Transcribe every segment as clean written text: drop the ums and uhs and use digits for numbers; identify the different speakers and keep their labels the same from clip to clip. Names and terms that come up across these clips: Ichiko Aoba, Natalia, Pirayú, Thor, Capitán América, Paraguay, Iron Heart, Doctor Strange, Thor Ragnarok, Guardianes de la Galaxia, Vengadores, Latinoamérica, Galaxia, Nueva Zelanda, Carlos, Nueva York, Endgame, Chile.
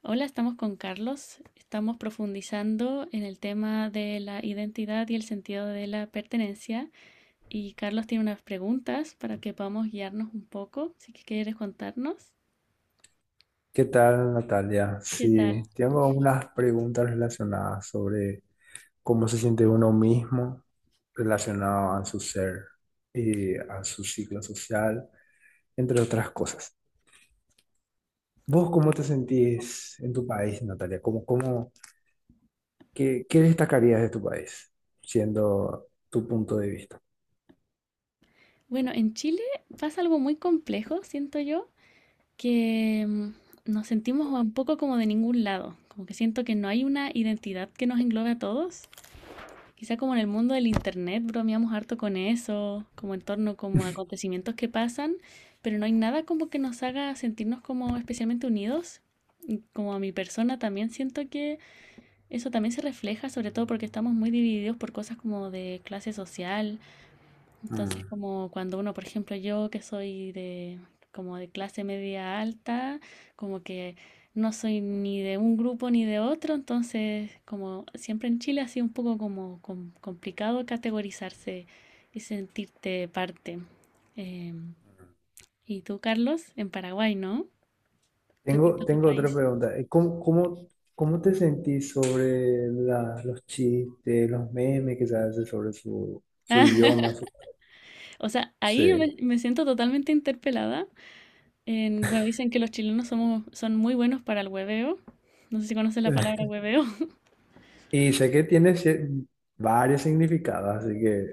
Speaker 1: Hola, estamos con Carlos. Estamos profundizando en el tema de la identidad y el sentido de la pertenencia. Y Carlos tiene unas preguntas para que podamos guiarnos un poco, si que quieres contarnos.
Speaker 2: ¿Qué tal, Natalia?
Speaker 1: ¿Qué tal?
Speaker 2: Sí, tengo unas preguntas relacionadas sobre cómo se siente uno mismo relacionado a su ser y a su ciclo social, entre otras cosas. ¿Vos cómo te sentís en tu país, Natalia? ¿Qué destacarías de tu país, siendo tu punto de vista?
Speaker 1: Bueno, en Chile pasa algo muy complejo, siento yo, que nos sentimos un poco como de ningún lado, como que siento que no hay una identidad que nos englobe a todos. Quizá como en el mundo del internet bromeamos harto con eso, como en torno como a acontecimientos que pasan, pero no hay nada como que nos haga sentirnos como especialmente unidos. Y como a mi persona también siento que eso también se refleja, sobre todo porque estamos muy divididos por cosas como de clase social, entonces,
Speaker 2: Mm.
Speaker 1: como cuando uno, por ejemplo, yo que soy de como de clase media alta, como que no soy ni de un grupo ni de otro, entonces como siempre en Chile ha sido un poco como complicado categorizarse y sentirte parte. Em, ¿Y tú, Carlos, en Paraguay, no? Respecto
Speaker 2: Tengo,
Speaker 1: a tu
Speaker 2: tengo otra
Speaker 1: país.
Speaker 2: pregunta. ¿Cómo te sentís sobre los chistes, los memes que se hacen sobre su idioma?
Speaker 1: O sea, ahí yo
Speaker 2: Sí.
Speaker 1: me siento totalmente interpelada. Bueno, dicen que los son muy buenos para el hueveo. No sé si conoces la palabra hueveo.
Speaker 2: Y sé que tiene varios significados, así que...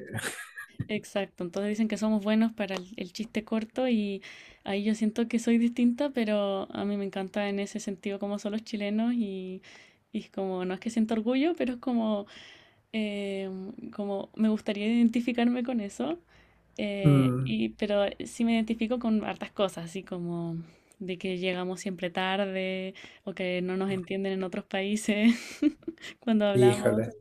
Speaker 1: Exacto, entonces dicen que somos buenos para el chiste corto y ahí yo siento que soy distinta, pero a mí me encanta en ese sentido cómo son los chilenos y es como, no es que siento orgullo, pero es como, eh, como me gustaría identificarme con eso,
Speaker 2: mm,
Speaker 1: pero sí me identifico con hartas cosas, así como de que llegamos siempre tarde o que no nos entienden en otros países cuando hablamos.
Speaker 2: Híjole.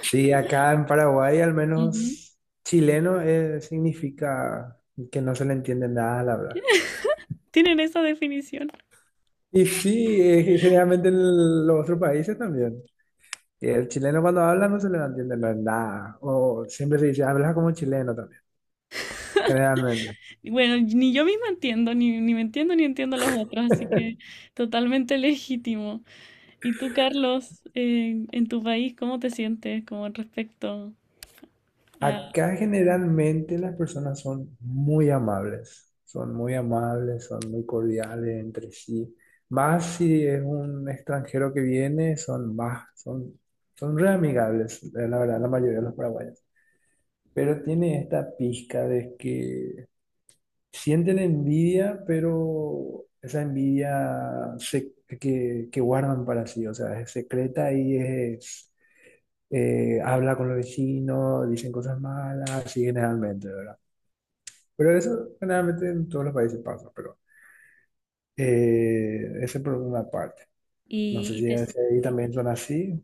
Speaker 2: Sí, acá en Paraguay al
Speaker 1: Ujú.
Speaker 2: menos chileno significa que no se le entiende nada al hablar.
Speaker 1: ¿Tienen esa definición?
Speaker 2: Y sí, generalmente en los otros países también. Y el chileno cuando habla no se le entiende nada. O siempre se dice, habla como chileno también, generalmente.
Speaker 1: Y bueno, ni yo misma entiendo, ni me entiendo ni entiendo a los otros, así que totalmente legítimo. ¿Y tú, Carlos, en tu país, cómo te sientes como respecto a...
Speaker 2: Acá generalmente las personas son muy amables, son muy amables, son muy cordiales entre sí. Más si es un extranjero que viene, son re amigables, la verdad, la mayoría de los paraguayos. Pero tiene esta pizca de que sienten envidia, pero esa que guardan para sí, o sea, es secreta y es habla con los vecinos, dicen cosas malas, así generalmente, ¿verdad? Pero eso generalmente en todos los países pasa, pero ese por una parte. No
Speaker 1: Y,
Speaker 2: sé
Speaker 1: y
Speaker 2: si
Speaker 1: te,
Speaker 2: ahí también son así.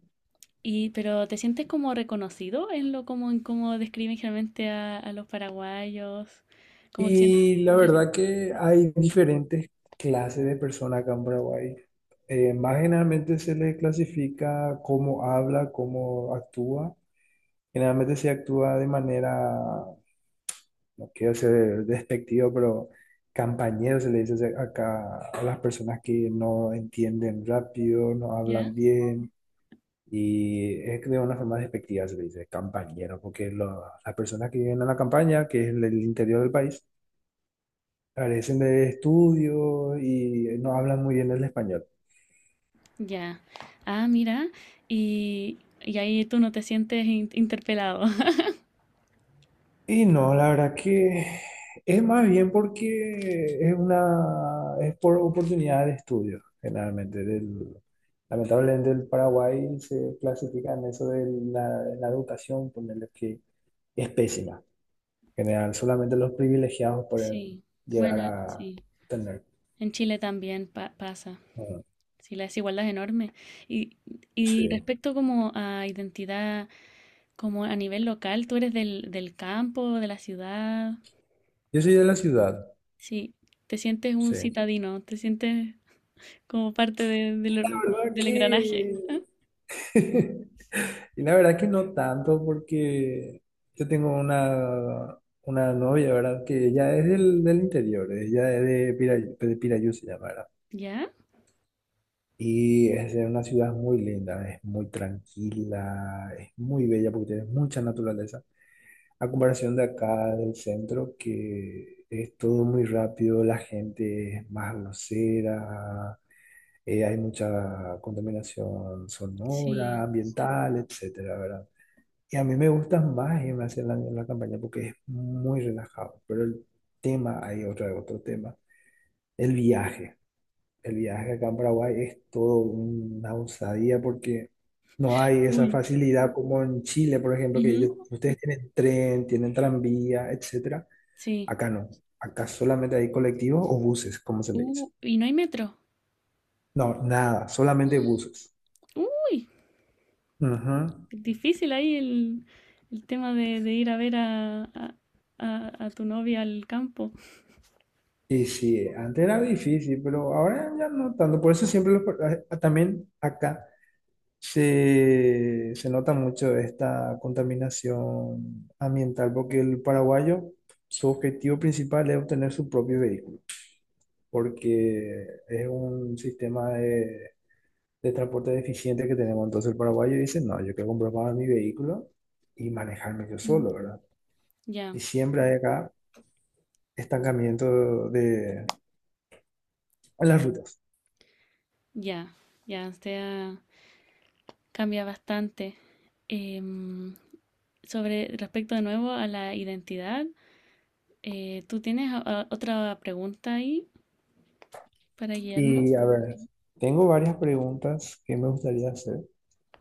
Speaker 1: pero ¿te sientes como reconocido en lo como en cómo describen generalmente a los paraguayos? Como que sientes...
Speaker 2: Y la verdad que hay diferentes clases de personas acá en Paraguay. Más generalmente se les clasifica cómo habla, cómo actúa. Generalmente se actúa de manera no quiero ser despectivo, pero campañeros se le dice acá a las personas que no entienden rápido, no
Speaker 1: ¿Ya?
Speaker 2: hablan bien. Y es que de una forma despectiva se le dice campañero, porque las personas que viven en la campaña, que es el interior del país, carecen de estudios y no hablan muy bien el español.
Speaker 1: Ya. Ah, mira. Y ahí tú no te sientes interpelado.
Speaker 2: Y no, la verdad que es más bien porque es por oportunidad de estudio, generalmente. Lamentablemente el Paraguay se clasifica en eso de la, la educación, ponerle que es pésima. En general, solamente los privilegiados pueden
Speaker 1: Sí.
Speaker 2: llegar
Speaker 1: Bueno,
Speaker 2: a
Speaker 1: sí.
Speaker 2: tener.
Speaker 1: En Chile también pasa.
Speaker 2: Ah,
Speaker 1: Sí, la desigualdad es enorme. Y, y
Speaker 2: sí.
Speaker 1: respecto como a identidad, como a nivel local, tú eres del campo, de la ciudad.
Speaker 2: Yo soy de la ciudad,
Speaker 1: Sí, te sientes un
Speaker 2: sí. La
Speaker 1: citadino, te sientes como parte de
Speaker 2: verdad
Speaker 1: del engranaje.
Speaker 2: que Y la verdad que no tanto porque yo tengo una novia, ¿verdad? Que ella es del interior, ella es de Pirayu, de Pirayú se llama, ¿verdad?
Speaker 1: ¿Ya?
Speaker 2: Y es de una ciudad muy linda, es muy tranquila, es muy bella porque tiene mucha naturaleza. A comparación de acá del centro, que es todo muy rápido, la gente es más grosera, hay mucha contaminación sonora,
Speaker 1: Sí.
Speaker 2: ambiental, etcétera, ¿verdad? Y a mí me gusta más en Nueva Zelanda en la campaña porque es muy relajado. Pero el tema, hay otro tema, el viaje. El viaje acá en Paraguay es todo una osadía porque no hay esa
Speaker 1: Uy,
Speaker 2: facilidad como en Chile, por ejemplo, que
Speaker 1: ujú,
Speaker 2: ustedes tienen tren, tienen tranvía, etcétera.
Speaker 1: sí.
Speaker 2: Acá no. Acá solamente hay colectivos o buses, como se le dice.
Speaker 1: Y no hay metro.
Speaker 2: No, nada, solamente buses.
Speaker 1: Uy,
Speaker 2: Ujú.
Speaker 1: difícil ahí el tema de ir a ver a tu novia al campo.
Speaker 2: Y sí, antes era difícil, pero ahora ya no tanto. Por eso siempre los, por- a- También acá se nota mucho esta contaminación ambiental porque el paraguayo, su objetivo principal es obtener su propio vehículo, porque es un sistema de transporte deficiente que tenemos. Entonces el paraguayo dice, no, yo quiero comprar para mi vehículo y manejarme yo
Speaker 1: Ujú.
Speaker 2: solo, ¿verdad?
Speaker 1: Ya,
Speaker 2: Y siempre hay acá estancamiento en las rutas.
Speaker 1: ya, ya, o sea... Cambia bastante. Em, Sobre respecto de nuevo a la identidad, ¿tú tienes otra pregunta ahí para
Speaker 2: Y
Speaker 1: guiarnos?
Speaker 2: a ver, tengo varias preguntas que me gustaría hacer.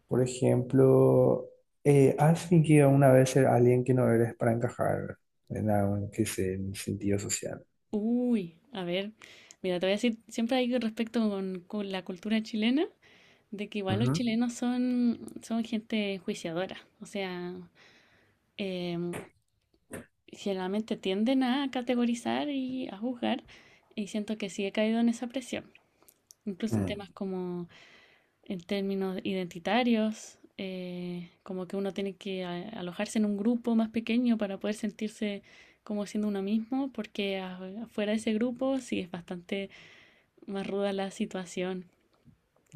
Speaker 2: Por ejemplo, ¿has fingido una vez ser alguien que no eres para encajar en algún, qué sé, en sentido social?
Speaker 1: Uy, a ver, mira, te voy a decir, siempre hay respecto con la cultura chilena, de que igual los
Speaker 2: Ujú.
Speaker 1: son gente enjuiciadora, o sea, em, generalmente tienden a categorizar y a juzgar, y siento que sí he caído en esa presión, incluso en
Speaker 2: Mm,
Speaker 1: temas como en términos identitarios, como que uno tiene que alojarse en un grupo más pequeño para poder sentirse como siendo uno mismo, porque afuera de ese grupo sí es bastante más ruda la situación.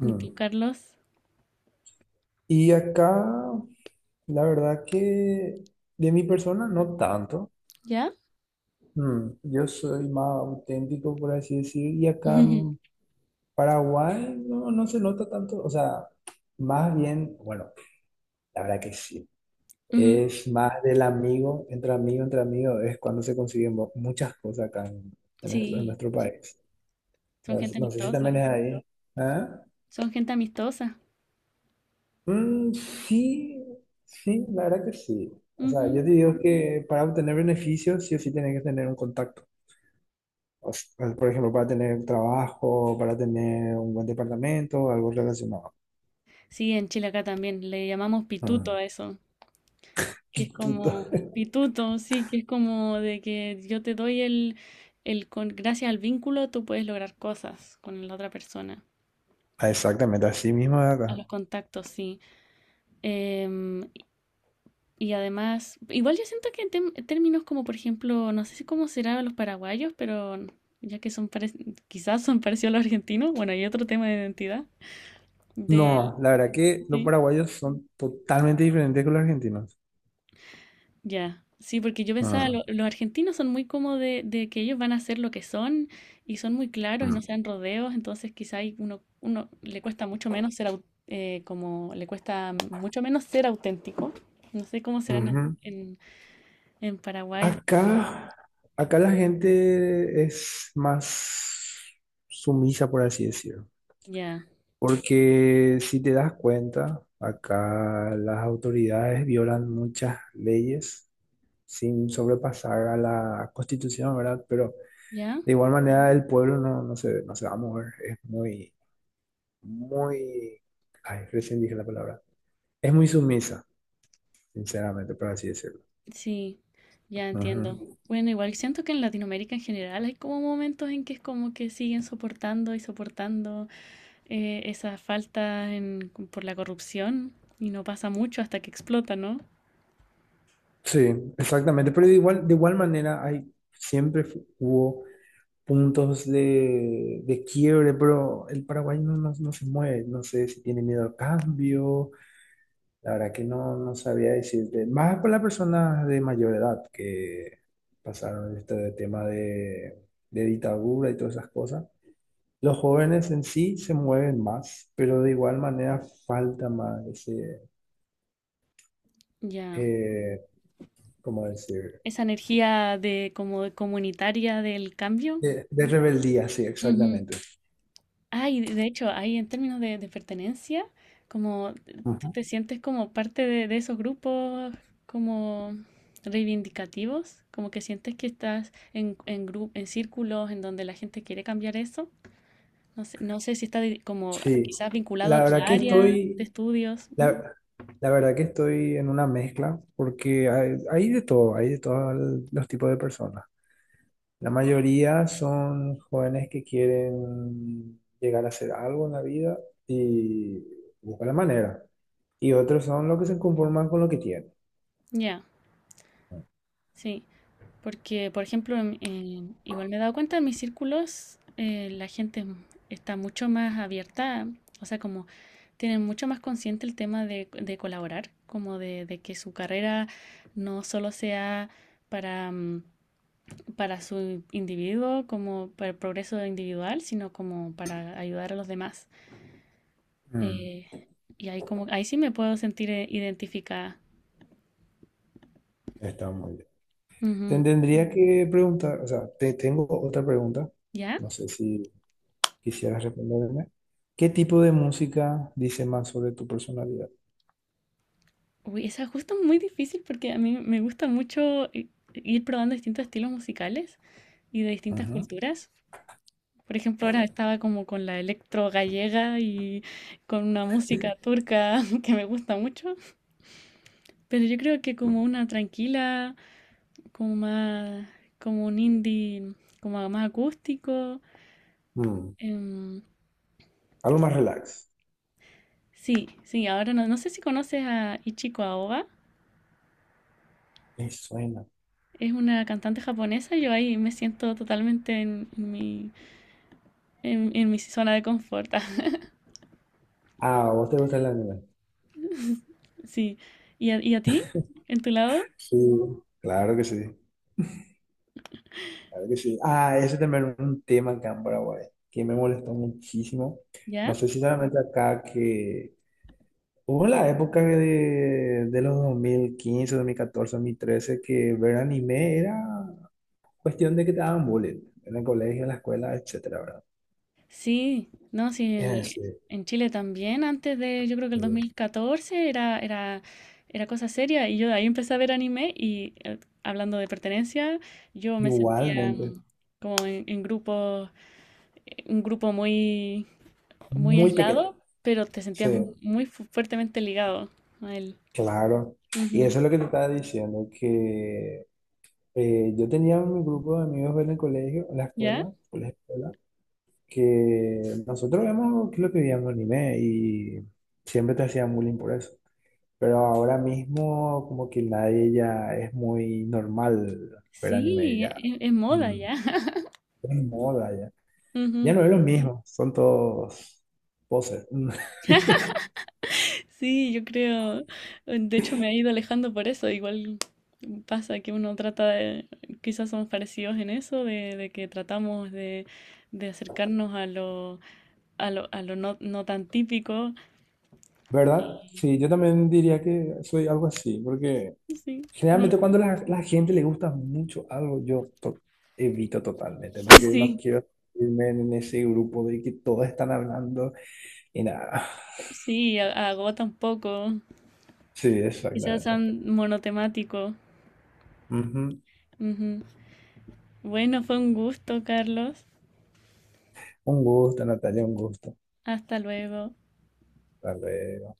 Speaker 1: ¿Y tú, Carlos?
Speaker 2: Y acá, la verdad que de mi persona no tanto.
Speaker 1: ¿Ya?
Speaker 2: Yo soy más auténtico, por así decir, y acá
Speaker 1: Ujú.
Speaker 2: en Paraguay no, no se nota tanto. O sea, más bien, bueno, la verdad que sí.
Speaker 1: Ujú.
Speaker 2: Es más del amigo, entre amigo, entre amigo, es cuando se consiguen muchas cosas acá en, en nuestro, en
Speaker 1: Sí,
Speaker 2: nuestro país.
Speaker 1: son gente
Speaker 2: No sé si también
Speaker 1: amistosa.
Speaker 2: es ahí. ¿Ah?
Speaker 1: Son gente amistosa.
Speaker 2: Mm, sí, sí, la verdad que sí. O sea,
Speaker 1: Ujú.
Speaker 2: yo te digo que para obtener beneficios, sí o sí tienes que tener un contacto. O sea, por ejemplo, para tener trabajo, para tener un buen departamento, algo relacionado.
Speaker 1: Sí, en Chile acá también le llamamos
Speaker 2: Ah,
Speaker 1: pituto a eso. Que es
Speaker 2: pituto.
Speaker 1: como pituto, sí, que es como de que yo te doy el con, gracias al vínculo tú puedes lograr cosas con la otra persona.
Speaker 2: Ah, exactamente, así mismo de
Speaker 1: A
Speaker 2: acá.
Speaker 1: los contactos, sí. Em, y además, igual yo siento que en términos como, por ejemplo, no sé si cómo será los paraguayos, pero ya que son quizás son parecidos a los argentinos, bueno, hay otro tema de identidad. Del,
Speaker 2: No, la verdad que los
Speaker 1: sí.
Speaker 2: paraguayos son totalmente diferentes que los argentinos.
Speaker 1: Ya, sí, porque yo pensaba,
Speaker 2: Ah,
Speaker 1: los argentinos son muy como de que ellos van a ser lo que son y son muy claros y no
Speaker 2: mm.
Speaker 1: se dan rodeos, entonces quizá ahí uno le cuesta mucho menos ser como le cuesta mucho menos ser auténtico. No sé cómo serán
Speaker 2: Ujú.
Speaker 1: en Paraguay.
Speaker 2: Acá, acá la gente es más sumisa, por así decirlo,
Speaker 1: Ya,
Speaker 2: porque si te das cuenta, acá las autoridades violan muchas leyes sin sobrepasar a la Constitución, ¿verdad? Pero
Speaker 1: ya,
Speaker 2: de igual manera el pueblo no se va a mover, es muy, muy, ay, recién dije la palabra, es muy sumisa, sinceramente, por así decirlo.
Speaker 1: sí, ya
Speaker 2: Ujú.
Speaker 1: entiendo. Bueno, igual siento que en Latinoamérica en general hay como momentos en que es como que siguen soportando y soportando. Esa falta por la corrupción y no pasa mucho hasta que explota, ¿no?
Speaker 2: Sí, exactamente, pero de igual manera siempre hubo puntos de quiebre, pero el Paraguay no se mueve, no sé si tiene miedo al cambio, la verdad que no sabía decirte, más por las personas de mayor edad que pasaron este tema de dictadura y todas esas cosas. Los jóvenes en sí se mueven más, pero de igual manera falta más ese,
Speaker 1: Ya.
Speaker 2: eh, ¿cómo decir?
Speaker 1: Esa energía de como de comunitaria del cambio.
Speaker 2: De rebeldía, sí,
Speaker 1: Ujú.
Speaker 2: exactamente.
Speaker 1: Ah, y de hecho, ahí en términos de pertenencia, como tú
Speaker 2: Ajá.
Speaker 1: te sientes como parte de esos grupos como reivindicativos, como que sientes que estás en círculos en donde la gente quiere cambiar eso. No sé, no sé si está como
Speaker 2: Sí,
Speaker 1: quizás vinculado a
Speaker 2: la
Speaker 1: tu
Speaker 2: verdad que
Speaker 1: área de
Speaker 2: estoy,
Speaker 1: estudios. ¿M?
Speaker 2: la, la verdad que estoy en una mezcla porque hay de todo, hay de todos los tipos de personas. La mayoría son jóvenes que quieren llegar a hacer algo en la vida y buscan la manera. Y otros son los que se conforman con lo que tienen.
Speaker 1: Ya. Sí, porque por ejemplo, igual me he dado cuenta en mis círculos, la gente está mucho más abierta, o sea, como tienen mucho más consciente el tema de colaborar, como de que su carrera no solo sea para, mm, para su individuo, como para el progreso individual, sino como para ayudar a los demás.
Speaker 2: Mm,
Speaker 1: Eh, y ahí como, ahí sí me puedo sentir identificada.
Speaker 2: Está muy bien. Te
Speaker 1: Ujú.
Speaker 2: tendría que preguntar, o sea, te tengo otra pregunta.
Speaker 1: ¿Ya?
Speaker 2: No sé si. ¿Quisieras responderme? ¿Qué tipo de música dice más sobre tu personalidad?
Speaker 1: Uy, esa es justo muy difícil porque a mí me gusta mucho ir probando distintos estilos musicales y de distintas
Speaker 2: Ajá.
Speaker 1: culturas. Por ejemplo, ahora estaba como con la electro gallega y con una música turca que me gusta mucho, pero yo creo que como una tranquila, como más, como un indie, como más acústico.
Speaker 2: Mm,
Speaker 1: em,
Speaker 2: Algo más relax.
Speaker 1: sí, sí, ahora no, no sé si conoces a Ichiko Aoba,
Speaker 2: Me suena.
Speaker 1: es una cantante japonesa, yo ahí me siento totalmente en mi zona de confort.
Speaker 2: Ah, ¿a vos te gusta el anime?
Speaker 1: Sí. ¿Y y a ti? ¿En tu lado?
Speaker 2: Sí, claro que sí. Claro que sí. Ah, ese también es un tema acá en Paraguay que me molestó muchísimo. No
Speaker 1: ¿Ya?
Speaker 2: sé si solamente acá que hubo la época de los dos mil quince 2014 2013 que ver anime era cuestión de que te daban bullying en el colegio, en la escuela, etcétera, ¿verdad?
Speaker 1: Sí. No, sí, el-
Speaker 2: Sí,
Speaker 1: En Chile también, antes de, yo creo que el dos
Speaker 2: sí.
Speaker 1: mil catorce era cosa seria y yo de ahí empecé a ver anime y hablando de pertenencia, yo me sentía
Speaker 2: Igualmente,
Speaker 1: como en grupo, un grupo muy, muy
Speaker 2: muy pequeño.
Speaker 1: aislado, pero te
Speaker 2: Sí,
Speaker 1: sentías muy fuertemente ligado a él.
Speaker 2: claro. Y
Speaker 1: Ujú.
Speaker 2: eso es lo que te estaba diciendo, que yo tenía un grupo de amigos en el colegio, en la
Speaker 1: ¿Ya?
Speaker 2: escuela, en la escuela, que nosotros vemos que lo que veíamos anime y siempre te hacían bullying por eso. Pero ahora mismo como que nadie ya es muy normal ver anime
Speaker 1: Sí,
Speaker 2: ya.
Speaker 1: es, moda
Speaker 2: Mm,
Speaker 1: ya.
Speaker 2: Es moda ya. Ya
Speaker 1: Ujú.
Speaker 2: no es lo mismo, son todos poses.
Speaker 1: Sí, yo creo, de hecho me he ido alejando por eso, igual pasa que uno trata de, quizás somos parecidos en eso, de que tratamos de acercarnos a lo no tan típico.
Speaker 2: ¿Verdad?
Speaker 1: y-
Speaker 2: Sí, yo también diría que soy algo así, porque
Speaker 1: Sí, no,
Speaker 2: generalmente cuando la gente le gusta mucho algo, yo evito totalmente, porque no
Speaker 1: sí,
Speaker 2: quiero irme en ese grupo de que todos están hablando y nada.
Speaker 1: sí, agota un poco,
Speaker 2: Sí,
Speaker 1: quizás
Speaker 2: exactamente.
Speaker 1: sean monotemático.
Speaker 2: Ujú.
Speaker 1: Ujú. Bueno, fue un gusto, Carlos.
Speaker 2: Un gusto, Natalia, un gusto.
Speaker 1: Hasta luego.
Speaker 2: Tal vez.